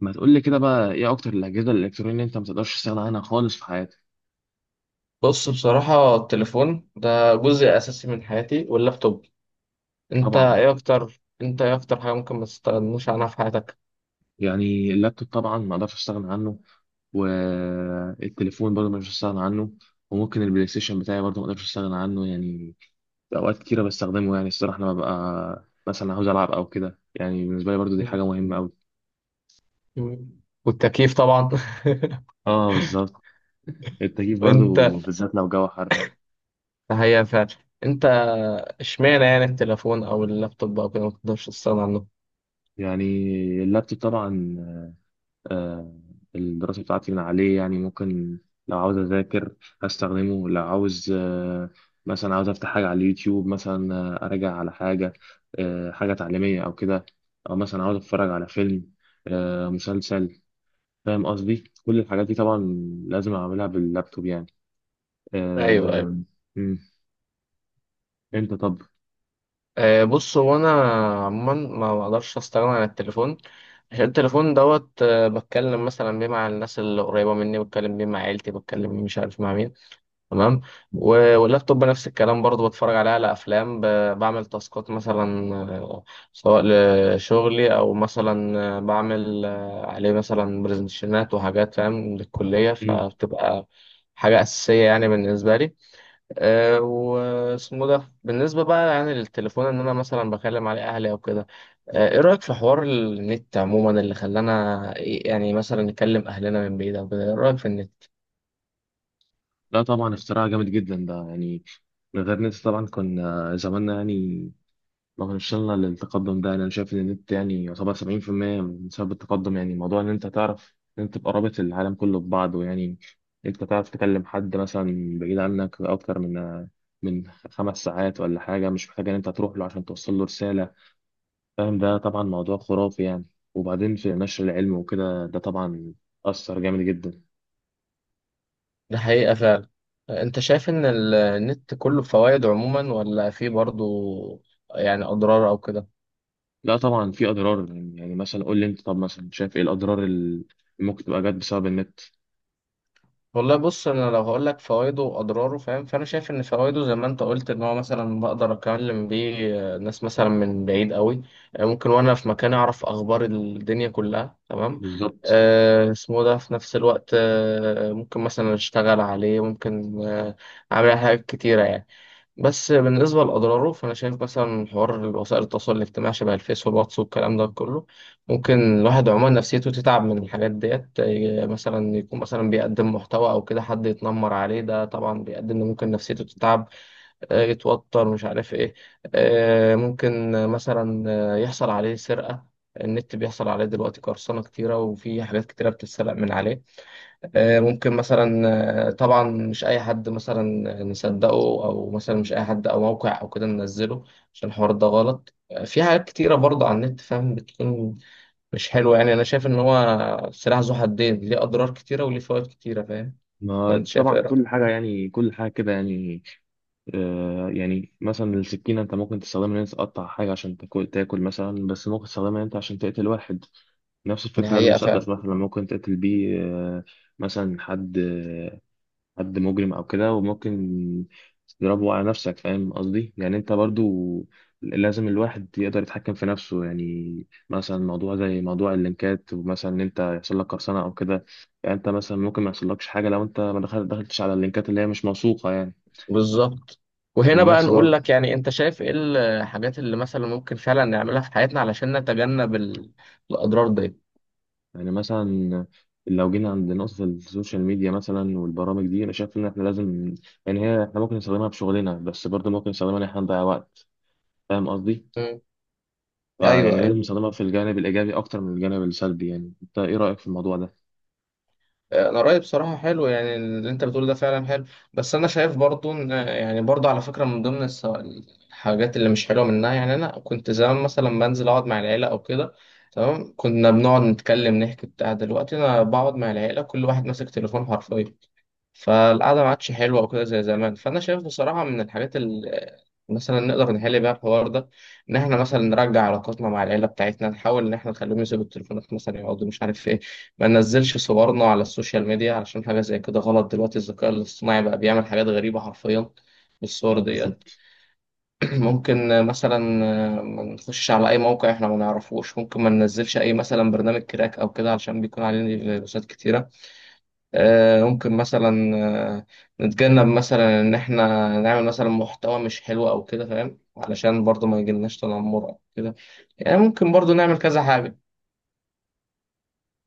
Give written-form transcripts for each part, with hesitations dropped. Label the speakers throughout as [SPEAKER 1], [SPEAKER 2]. [SPEAKER 1] ما تقول لي كده بقى، ايه اكتر الاجهزه الالكترونيه اللي انت ما تقدرش تستغنى عنها خالص في حياتك؟
[SPEAKER 2] بص، بصراحة التليفون ده جزء أساسي من حياتي واللابتوب.
[SPEAKER 1] طبعا،
[SPEAKER 2] أنت إيه أكتر حاجة ممكن ما تستغنوش عنها في حياتك؟
[SPEAKER 1] يعني اللابتوب طبعا ما اقدرش استغنى عنه. والتليفون برضه ما اقدرش استغنى عنه. وممكن البلاي ستيشن بتاعي برضه ما اقدرش استغنى عنه يعني. في اوقات كتيره بستخدمه، يعني الصراحه لما ببقى مثلا عاوز العب او كده، يعني بالنسبه لي برضه دي
[SPEAKER 2] مم.
[SPEAKER 1] حاجه مهمه قوي.
[SPEAKER 2] مم. والتكييف طبعا.
[SPEAKER 1] اه، بالظبط. التكييف برضه،
[SPEAKER 2] وأنت؟
[SPEAKER 1] بالذات لو جو حر.
[SPEAKER 2] هي فعلا. أنت، إشمعنى يعني التليفون أو اللابتوب أو كده ما تقدرش تستغنى عنه؟
[SPEAKER 1] يعني اللابتوب طبعا، آه، الدراسة بتاعتي من عليه، يعني ممكن لو عاوز أذاكر أستخدمه، لو عاوز مثلا عاوز أفتح حاجة على اليوتيوب مثلا، أراجع على حاجة، حاجة تعليمية أو كده، أو مثلا عاوز أتفرج على فيلم، مسلسل. فاهم قصدي؟ كل الحاجات دي طبعا لازم أعملها باللابتوب يعني.
[SPEAKER 2] أيوه، أيوه.
[SPEAKER 1] آه، مم. أنت طب؟
[SPEAKER 2] بص، هو أنا عموما ما بقدرش أستغنى عن التليفون، عشان التليفون دوت بتكلم مثلا بيه مع الناس اللي قريبة مني، بتكلم بيه مع عيلتي، بتكلم مش عارف مع مين. تمام. واللابتوب نفس الكلام برضو، بتفرج عليه على افلام، بعمل تاسكات مثلا، سواء لشغلي او مثلا، بعمل عليه مثلا برزنتيشنات وحاجات، فاهم، للكليه،
[SPEAKER 1] مم.
[SPEAKER 2] فبتبقى حاجه اساسيه يعني بالنسبه لي. واسمه ده بالنسبه بقى يعني للتليفون، ان انا مثلا بكلم عليه اهلي او كده. ايه رايك في حوار النت عموما، اللي خلانا يعني مثلا نكلم اهلنا من بعيد او كده؟ ايه رايك في النت؟
[SPEAKER 1] لا طبعا اختراع جامد جدا ده يعني. من غير نت طبعا كنا زماننا يعني. لو إن شاء الله التقدم ده، أنا شايف إن النت يعني يعتبر 70% من سبب التقدم. يعني موضوع إن أنت تعرف إن أنت تبقى رابط العالم كله ببعضه يعني. أنت تعرف تكلم حد مثلا بعيد عنك أكتر من 5 ساعات ولا حاجة، مش محتاج إن أنت تروح له عشان توصل له رسالة. فاهم؟ ده طبعا موضوع خرافي يعني. وبعدين في نشر العلم وكده، ده طبعا أثر جامد جدا.
[SPEAKER 2] ده حقيقة فعلا. انت شايف ان النت كله فوائد عموما، ولا فيه برضو يعني اضرار او كده؟
[SPEAKER 1] لا طبعا في أضرار. يعني مثلا قول لي أنت، طب مثلا شايف إيه الأضرار اللي ممكن تبقى جت بسبب النت؟
[SPEAKER 2] والله بص، انا لو هقول لك فوائده واضراره، فاهم، فانا شايف ان فوائده زي ما انت قلت، ان هو مثلا بقدر اكلم بيه ناس مثلا من بعيد قوي، ممكن وانا في مكان اعرف اخبار الدنيا كلها. تمام.
[SPEAKER 1] بالظبط.
[SPEAKER 2] اسمه ده في نفس الوقت، ممكن مثلا اشتغل عليه، ممكن اعمل حاجات كتيرة يعني. بس بالنسبة لأضراره، فأنا شايف مثلا حوار وسائل التواصل الاجتماعي، شبه الفيس والواتس والكلام ده كله، ممكن الواحد عموما نفسيته تتعب من الحاجات ديت. إيه، مثلا يكون مثلا بيقدم محتوى أو كده، حد يتنمر عليه، ده طبعا بيؤدي إن ممكن نفسيته تتعب، يتوتر، مش عارف إيه. ممكن مثلا، يحصل عليه سرقة. النت بيحصل عليه دلوقتي قرصنة كتيرة، وفي حاجات كتيرة بتتسرق من عليه. ممكن مثلا، طبعا مش اي حد مثلا نصدقه، او مثلا مش اي حد او موقع او كده ننزله، عشان الحوار ده غلط. في حاجات كتيره برضه على النت، فاهم، بتكون مش حلوه يعني. انا شايف ان هو سلاح ذو حدين، ليه اضرار كتيره وليه فوائد كتيره، فاهم؟
[SPEAKER 1] ما
[SPEAKER 2] فانت شايف ايه
[SPEAKER 1] طبعا
[SPEAKER 2] رايك؟
[SPEAKER 1] كل حاجة يعني، كل حاجة كده يعني. آه، يعني مثلا السكينة أنت ممكن تستخدمها إن أنت تقطع حاجة عشان تاكل مثلا، بس ممكن تستخدمها إن أنت عشان تقتل واحد. نفس
[SPEAKER 2] دي
[SPEAKER 1] الفكرة
[SPEAKER 2] حقيقه فعلا.
[SPEAKER 1] المسدس، مثلا ممكن تقتل بيه، آه، مثلا حد مجرم او كده، وممكن تضربه على نفسك. فاهم قصدي؟ يعني انت برضو لازم الواحد يقدر يتحكم في نفسه يعني. مثلا موضوع زي موضوع اللينكات، ومثلا ان انت يحصل لك قرصنه او كده، يعني انت مثلا ممكن ما يحصلكش حاجه لو انت ما دخل- دخلتش على اللينكات اللي هي مش موثوقه يعني.
[SPEAKER 2] بالظبط. وهنا بقى
[SPEAKER 1] ونفس
[SPEAKER 2] نقول
[SPEAKER 1] برضه.
[SPEAKER 2] لك، يعني انت شايف ايه الحاجات اللي مثلا ممكن فعلا نعملها في حياتنا علشان نتجنب الاضرار دي؟
[SPEAKER 1] يعني مثلا لو جينا عند نقطة السوشيال ميديا مثلا والبرامج دي، أنا شايف إن إحنا لازم، يعني هي إحنا ممكن نستخدمها في شغلنا، بس برضه ممكن نستخدمها إن إحنا نضيع وقت. فاهم قصدي؟
[SPEAKER 2] مم. ايوه،
[SPEAKER 1] فيعني
[SPEAKER 2] ايوه.
[SPEAKER 1] لازم نستخدمها في الجانب الإيجابي أكتر من الجانب السلبي. يعني أنت إيه رأيك في الموضوع ده؟
[SPEAKER 2] انا رايي بصراحه حلو، يعني اللي انت بتقول ده فعلا حلو. بس انا شايف برضو ان، يعني برضو على فكره، من ضمن الحاجات اللي مش حلوه منها، يعني انا كنت زمان مثلا بنزل اقعد مع العيله او كده، تمام، كنا بنقعد نتكلم نحكي بتاع. دلوقتي انا بقعد مع العيله كل واحد ماسك تليفون حرفيا، فالقعدة ما عادش حلوة وكده زي زمان. فأنا شايف بصراحة من الحاجات اللي مثلا نقدر نحل بيها الحوار ده، إن إحنا مثلا نرجع علاقاتنا مع العيلة بتاعتنا، نحاول إن إحنا نخليهم يسيبوا التليفونات مثلا، يقعدوا مش عارف إيه. ما ننزلش صورنا على السوشيال ميديا، علشان حاجة زي كده غلط دلوقتي، الذكاء الاصطناعي بقى بيعمل حاجات غريبة حرفيا بالصور
[SPEAKER 1] اه،
[SPEAKER 2] ديت.
[SPEAKER 1] بالظبط.
[SPEAKER 2] ممكن مثلا ما نخشش على أي موقع إحنا ما نعرفوش، ممكن ما ننزلش أي مثلا برنامج كراك أو كده، علشان بيكون عليه فيروسات كتيرة. ممكن مثلا، آه، نتجنب مثلا ان احنا نعمل مثلا محتوى مش حلو او كده، فاهم، علشان برضو ما يجيلناش تنمر او كده. يعني ممكن برضو نعمل كذا حاجة،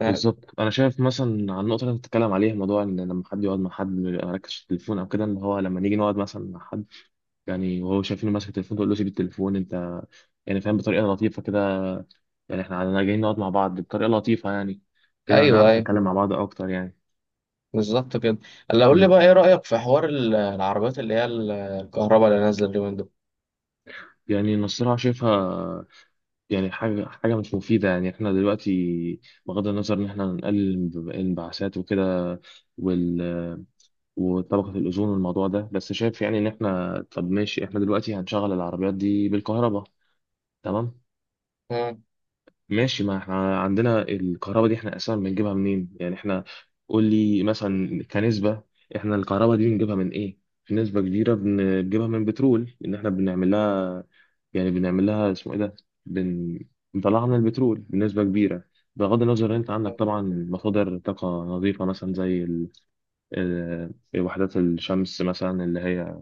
[SPEAKER 2] فاهم؟
[SPEAKER 1] بالظبط، أنا شايف مثلا على النقطة اللي أنت بتتكلم عليها، موضوع إن لما حد يقعد مع حد ما يركزش في التليفون أو كده، إن هو لما نيجي نقعد مثلا مع حد، يعني وهو شايفينه ماسك التليفون، تقول له سيب التليفون أنت، يعني فاهم، بطريقة لطيفة كده يعني. إحنا عندنا جايين نقعد مع بعض بطريقة لطيفة يعني، كده
[SPEAKER 2] ايوه،
[SPEAKER 1] هنعرف
[SPEAKER 2] ايوه،
[SPEAKER 1] نتكلم مع بعض أكتر يعني.
[SPEAKER 2] بالظبط كده. اللي اقول لي
[SPEAKER 1] امم
[SPEAKER 2] بقى، ايه رأيك في حوار العربيات اللي هي الكهرباء اللي نازلة اليومين دول؟
[SPEAKER 1] يعني النصيحة شايفها، يعني حاجة مش مفيدة. يعني احنا دلوقتي بغض النظر ان احنا نقلل الانبعاثات وكده، وال... وطبقة الأوزون والموضوع ده، بس شايف يعني ان احنا، طب ماشي احنا دلوقتي هنشغل العربيات دي بالكهرباء، تمام.
[SPEAKER 2] مم.
[SPEAKER 1] ماشي، ما احنا عندنا الكهرباء دي احنا اساسا بنجيبها منين؟ يعني احنا قول لي مثلا كنسبة، احنا الكهرباء دي بنجيبها من ايه؟ في نسبة كبيرة بنجيبها من بترول، ان احنا بنعمل لها يعني، بنعمل لها اسمه ايه ده، بن... بنطلع لنا البترول بنسبة كبيرة. بغض النظر إن انت عندك طبعا مصادر طاقة نظيفة، مثلا زي ال... آه، وحدات الشمس مثلا اللي هي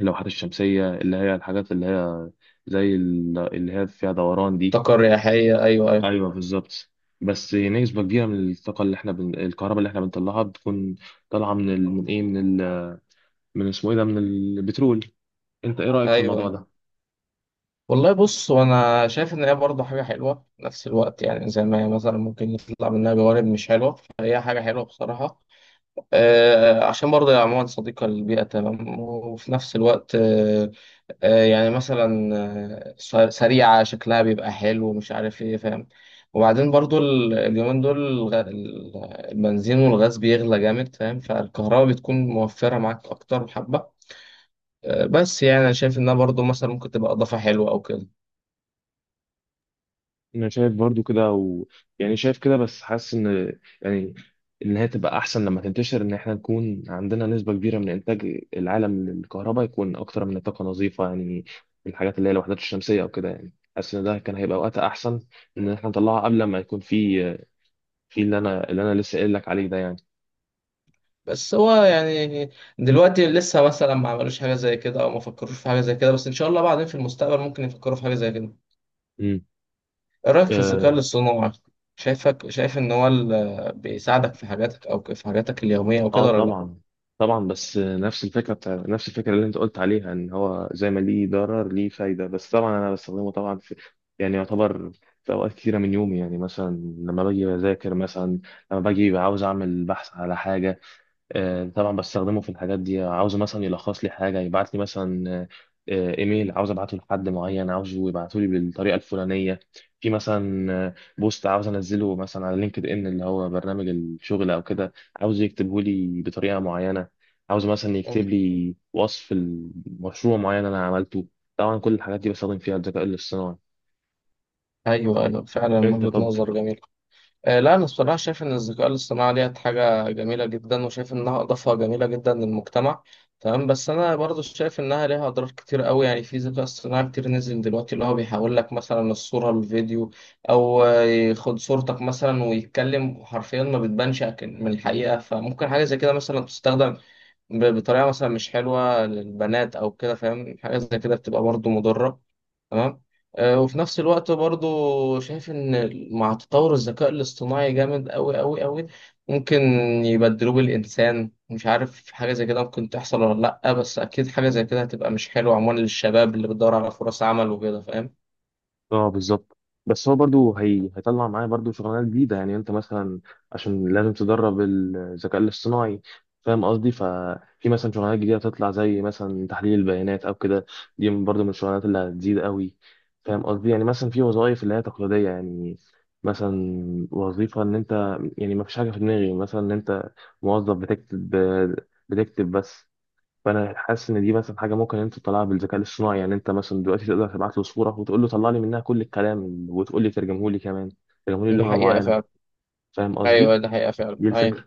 [SPEAKER 1] اللوحات الشمسية، اللي هي الحاجات اللي هي زي اللي هي فيها دوران دي.
[SPEAKER 2] طاقة رياحية، ايوه، ايوه.
[SPEAKER 1] ايوه، بالظبط. بس نسبة كبيرة من الطاقة اللي احنا بن... الكهرباء اللي احنا بنطلعها بتكون طالعة من ال... من ايه، من ال... من اسمه ايه ده، من البترول. انت ايه رأيك في
[SPEAKER 2] ايوه،
[SPEAKER 1] الموضوع
[SPEAKER 2] ايوه.
[SPEAKER 1] ده؟
[SPEAKER 2] والله بص، وانا شايف ان هي برضه حاجه حلوه في نفس الوقت، يعني زي ما هي مثلا ممكن يطلع منها جوانب مش حلوه، فهي حاجه حلوه بصراحه. عشان برضه يا عموما صديقة للبيئة، تمام، وفي نفس الوقت يعني مثلا سريعة، شكلها بيبقى حلو ومش عارف ايه، فاهم. وبعدين برضه اليومين دول البنزين والغاز بيغلى جامد، فاهم، فالكهرباء بتكون موفرة معاك أكتر بحبة. بس يعني أنا شايف إنها برضه مثلا ممكن تبقى إضافة حلوة أو كده.
[SPEAKER 1] انا شايف برضو كده و... يعني شايف كده، بس حاسس ان يعني ان هي تبقى احسن لما تنتشر، ان احنا نكون عندنا نسبة كبيرة من انتاج العالم للكهرباء يكون اكتر من طاقة نظيفة يعني. الحاجات اللي هي الوحدات الشمسية او كده، يعني حاسس ان ده كان هيبقى وقتها احسن، ان احنا نطلعها قبل ما يكون في، في اللي انا، اللي انا لسه قايل لك عليه ده يعني.
[SPEAKER 2] بس هو يعني دلوقتي لسه مثلا ما عملوش حاجة زي كده، أو ما فكروش في حاجة زي كده، بس إن شاء الله بعدين في المستقبل ممكن يفكروا في حاجة زي كده. ايه رأيك في الذكاء
[SPEAKER 1] امم
[SPEAKER 2] الاصطناعي؟ شايفك شايف ان هو بيساعدك في حاجاتك، او في حاجاتك اليومية وكده،
[SPEAKER 1] اه
[SPEAKER 2] ولا لا؟
[SPEAKER 1] طبعا. طبعا بس نفس الفكره بتاع، نفس الفكره اللي انت قلت عليها ان هو زي ما ليه ضرر ليه فايده. بس طبعا انا بستخدمه طبعا في، يعني يعتبر في اوقات كتيره من يومي يعني. مثلا لما باجي بذاكر مثلا، لما باجي عاوز اعمل بحث على حاجه، طبعا بستخدمه في الحاجات دي. عاوز مثلا يلخص لي حاجه، يبعت لي مثلا ايميل عاوز ابعته لحد معين، عاوزه يبعته لي بالطريقه الفلانيه. في مثلا بوست عاوز انزله مثلا على لينكد ان، اللي هو برنامج الشغل او كده، عاوز يكتبه لي بطريقه معينه. عاوز مثلا
[SPEAKER 2] مم.
[SPEAKER 1] يكتب لي وصف المشروع معين انا عملته. طبعا كل الحاجات دي بستخدم فيها الذكاء الاصطناعي.
[SPEAKER 2] ايوه، ايوه، فعلا
[SPEAKER 1] انت
[SPEAKER 2] وجهة
[SPEAKER 1] طب؟
[SPEAKER 2] نظر جميل. لا، انا الصراحة شايف ان الذكاء الاصطناعي ديت حاجة جميلة جدا، وشايف انها اضافة جميلة جدا للمجتمع، تمام. بس انا برضو شايف انها ليها اضرار كتير قوي، يعني في ذكاء اصطناعي كتير نزل دلوقتي اللي هو بيحول لك مثلا الصورة الفيديو، او ياخد صورتك مثلا ويتكلم حرفيا، ما بتبانش أكن- من الحقيقة. فممكن حاجة زي كده مثلا تستخدم بطريقه مثلا مش حلوه للبنات او كده، فاهم، حاجه زي كده بتبقى برضو مضره. تمام. وفي نفس الوقت برضو شايف ان مع تطور الذكاء الاصطناعي جامد قوي قوي قوي، ممكن يبدلوه بالانسان، مش عارف حاجه زي كده ممكن تحصل ولا لا، بس اكيد حاجه زي كده هتبقى مش حلوه عموما للشباب اللي بتدور على فرص عمل وكده، فاهم.
[SPEAKER 1] اه، بالظبط. بس هو برضو هي... هيطلع معايا برضو شغلانات جديدة يعني. انت مثلا عشان لازم تدرب الذكاء الاصطناعي، فاهم قصدي؟ ففي مثلا شغلانات جديدة هتطلع، زي مثلا تحليل البيانات او كده، دي برضو من الشغلانات اللي هتزيد قوي. فاهم قصدي؟ يعني مثلا في وظائف اللي هي تقليدية يعني، مثلا وظيفة ان انت، يعني ما فيش حاجة في دماغي مثلا، ان انت موظف بتكتب بس. فانا حاسس ان دي مثلا حاجه ممكن انت تطلعها بالذكاء الاصطناعي. يعني انت مثلا دلوقتي تقدر تبعت له صوره وتقول له طلع لي منها كل الكلام، وتقول لي ترجمه لي كمان، ترجمه لي
[SPEAKER 2] دي
[SPEAKER 1] لغه
[SPEAKER 2] حقيقه
[SPEAKER 1] معينه.
[SPEAKER 2] فعلا.
[SPEAKER 1] فاهم
[SPEAKER 2] ايوه
[SPEAKER 1] قصدي؟
[SPEAKER 2] دي حقيقه فعلا،
[SPEAKER 1] دي
[SPEAKER 2] ايوه.
[SPEAKER 1] الفكره.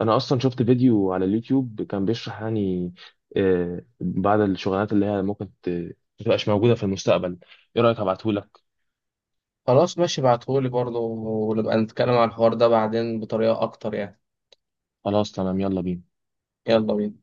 [SPEAKER 1] انا اصلا شفت فيديو على اليوتيوب كان بيشرح يعني بعض الشغلانات اللي هي ممكن ما تبقاش موجوده في المستقبل. ايه رايك ابعته لك؟
[SPEAKER 2] خلاص، ماشي، ابعتهولي برضو، ونبقى نتكلم على الحوار ده بعدين بطريقه اكتر يعني.
[SPEAKER 1] خلاص تمام، يلا بينا.
[SPEAKER 2] يلا بينا.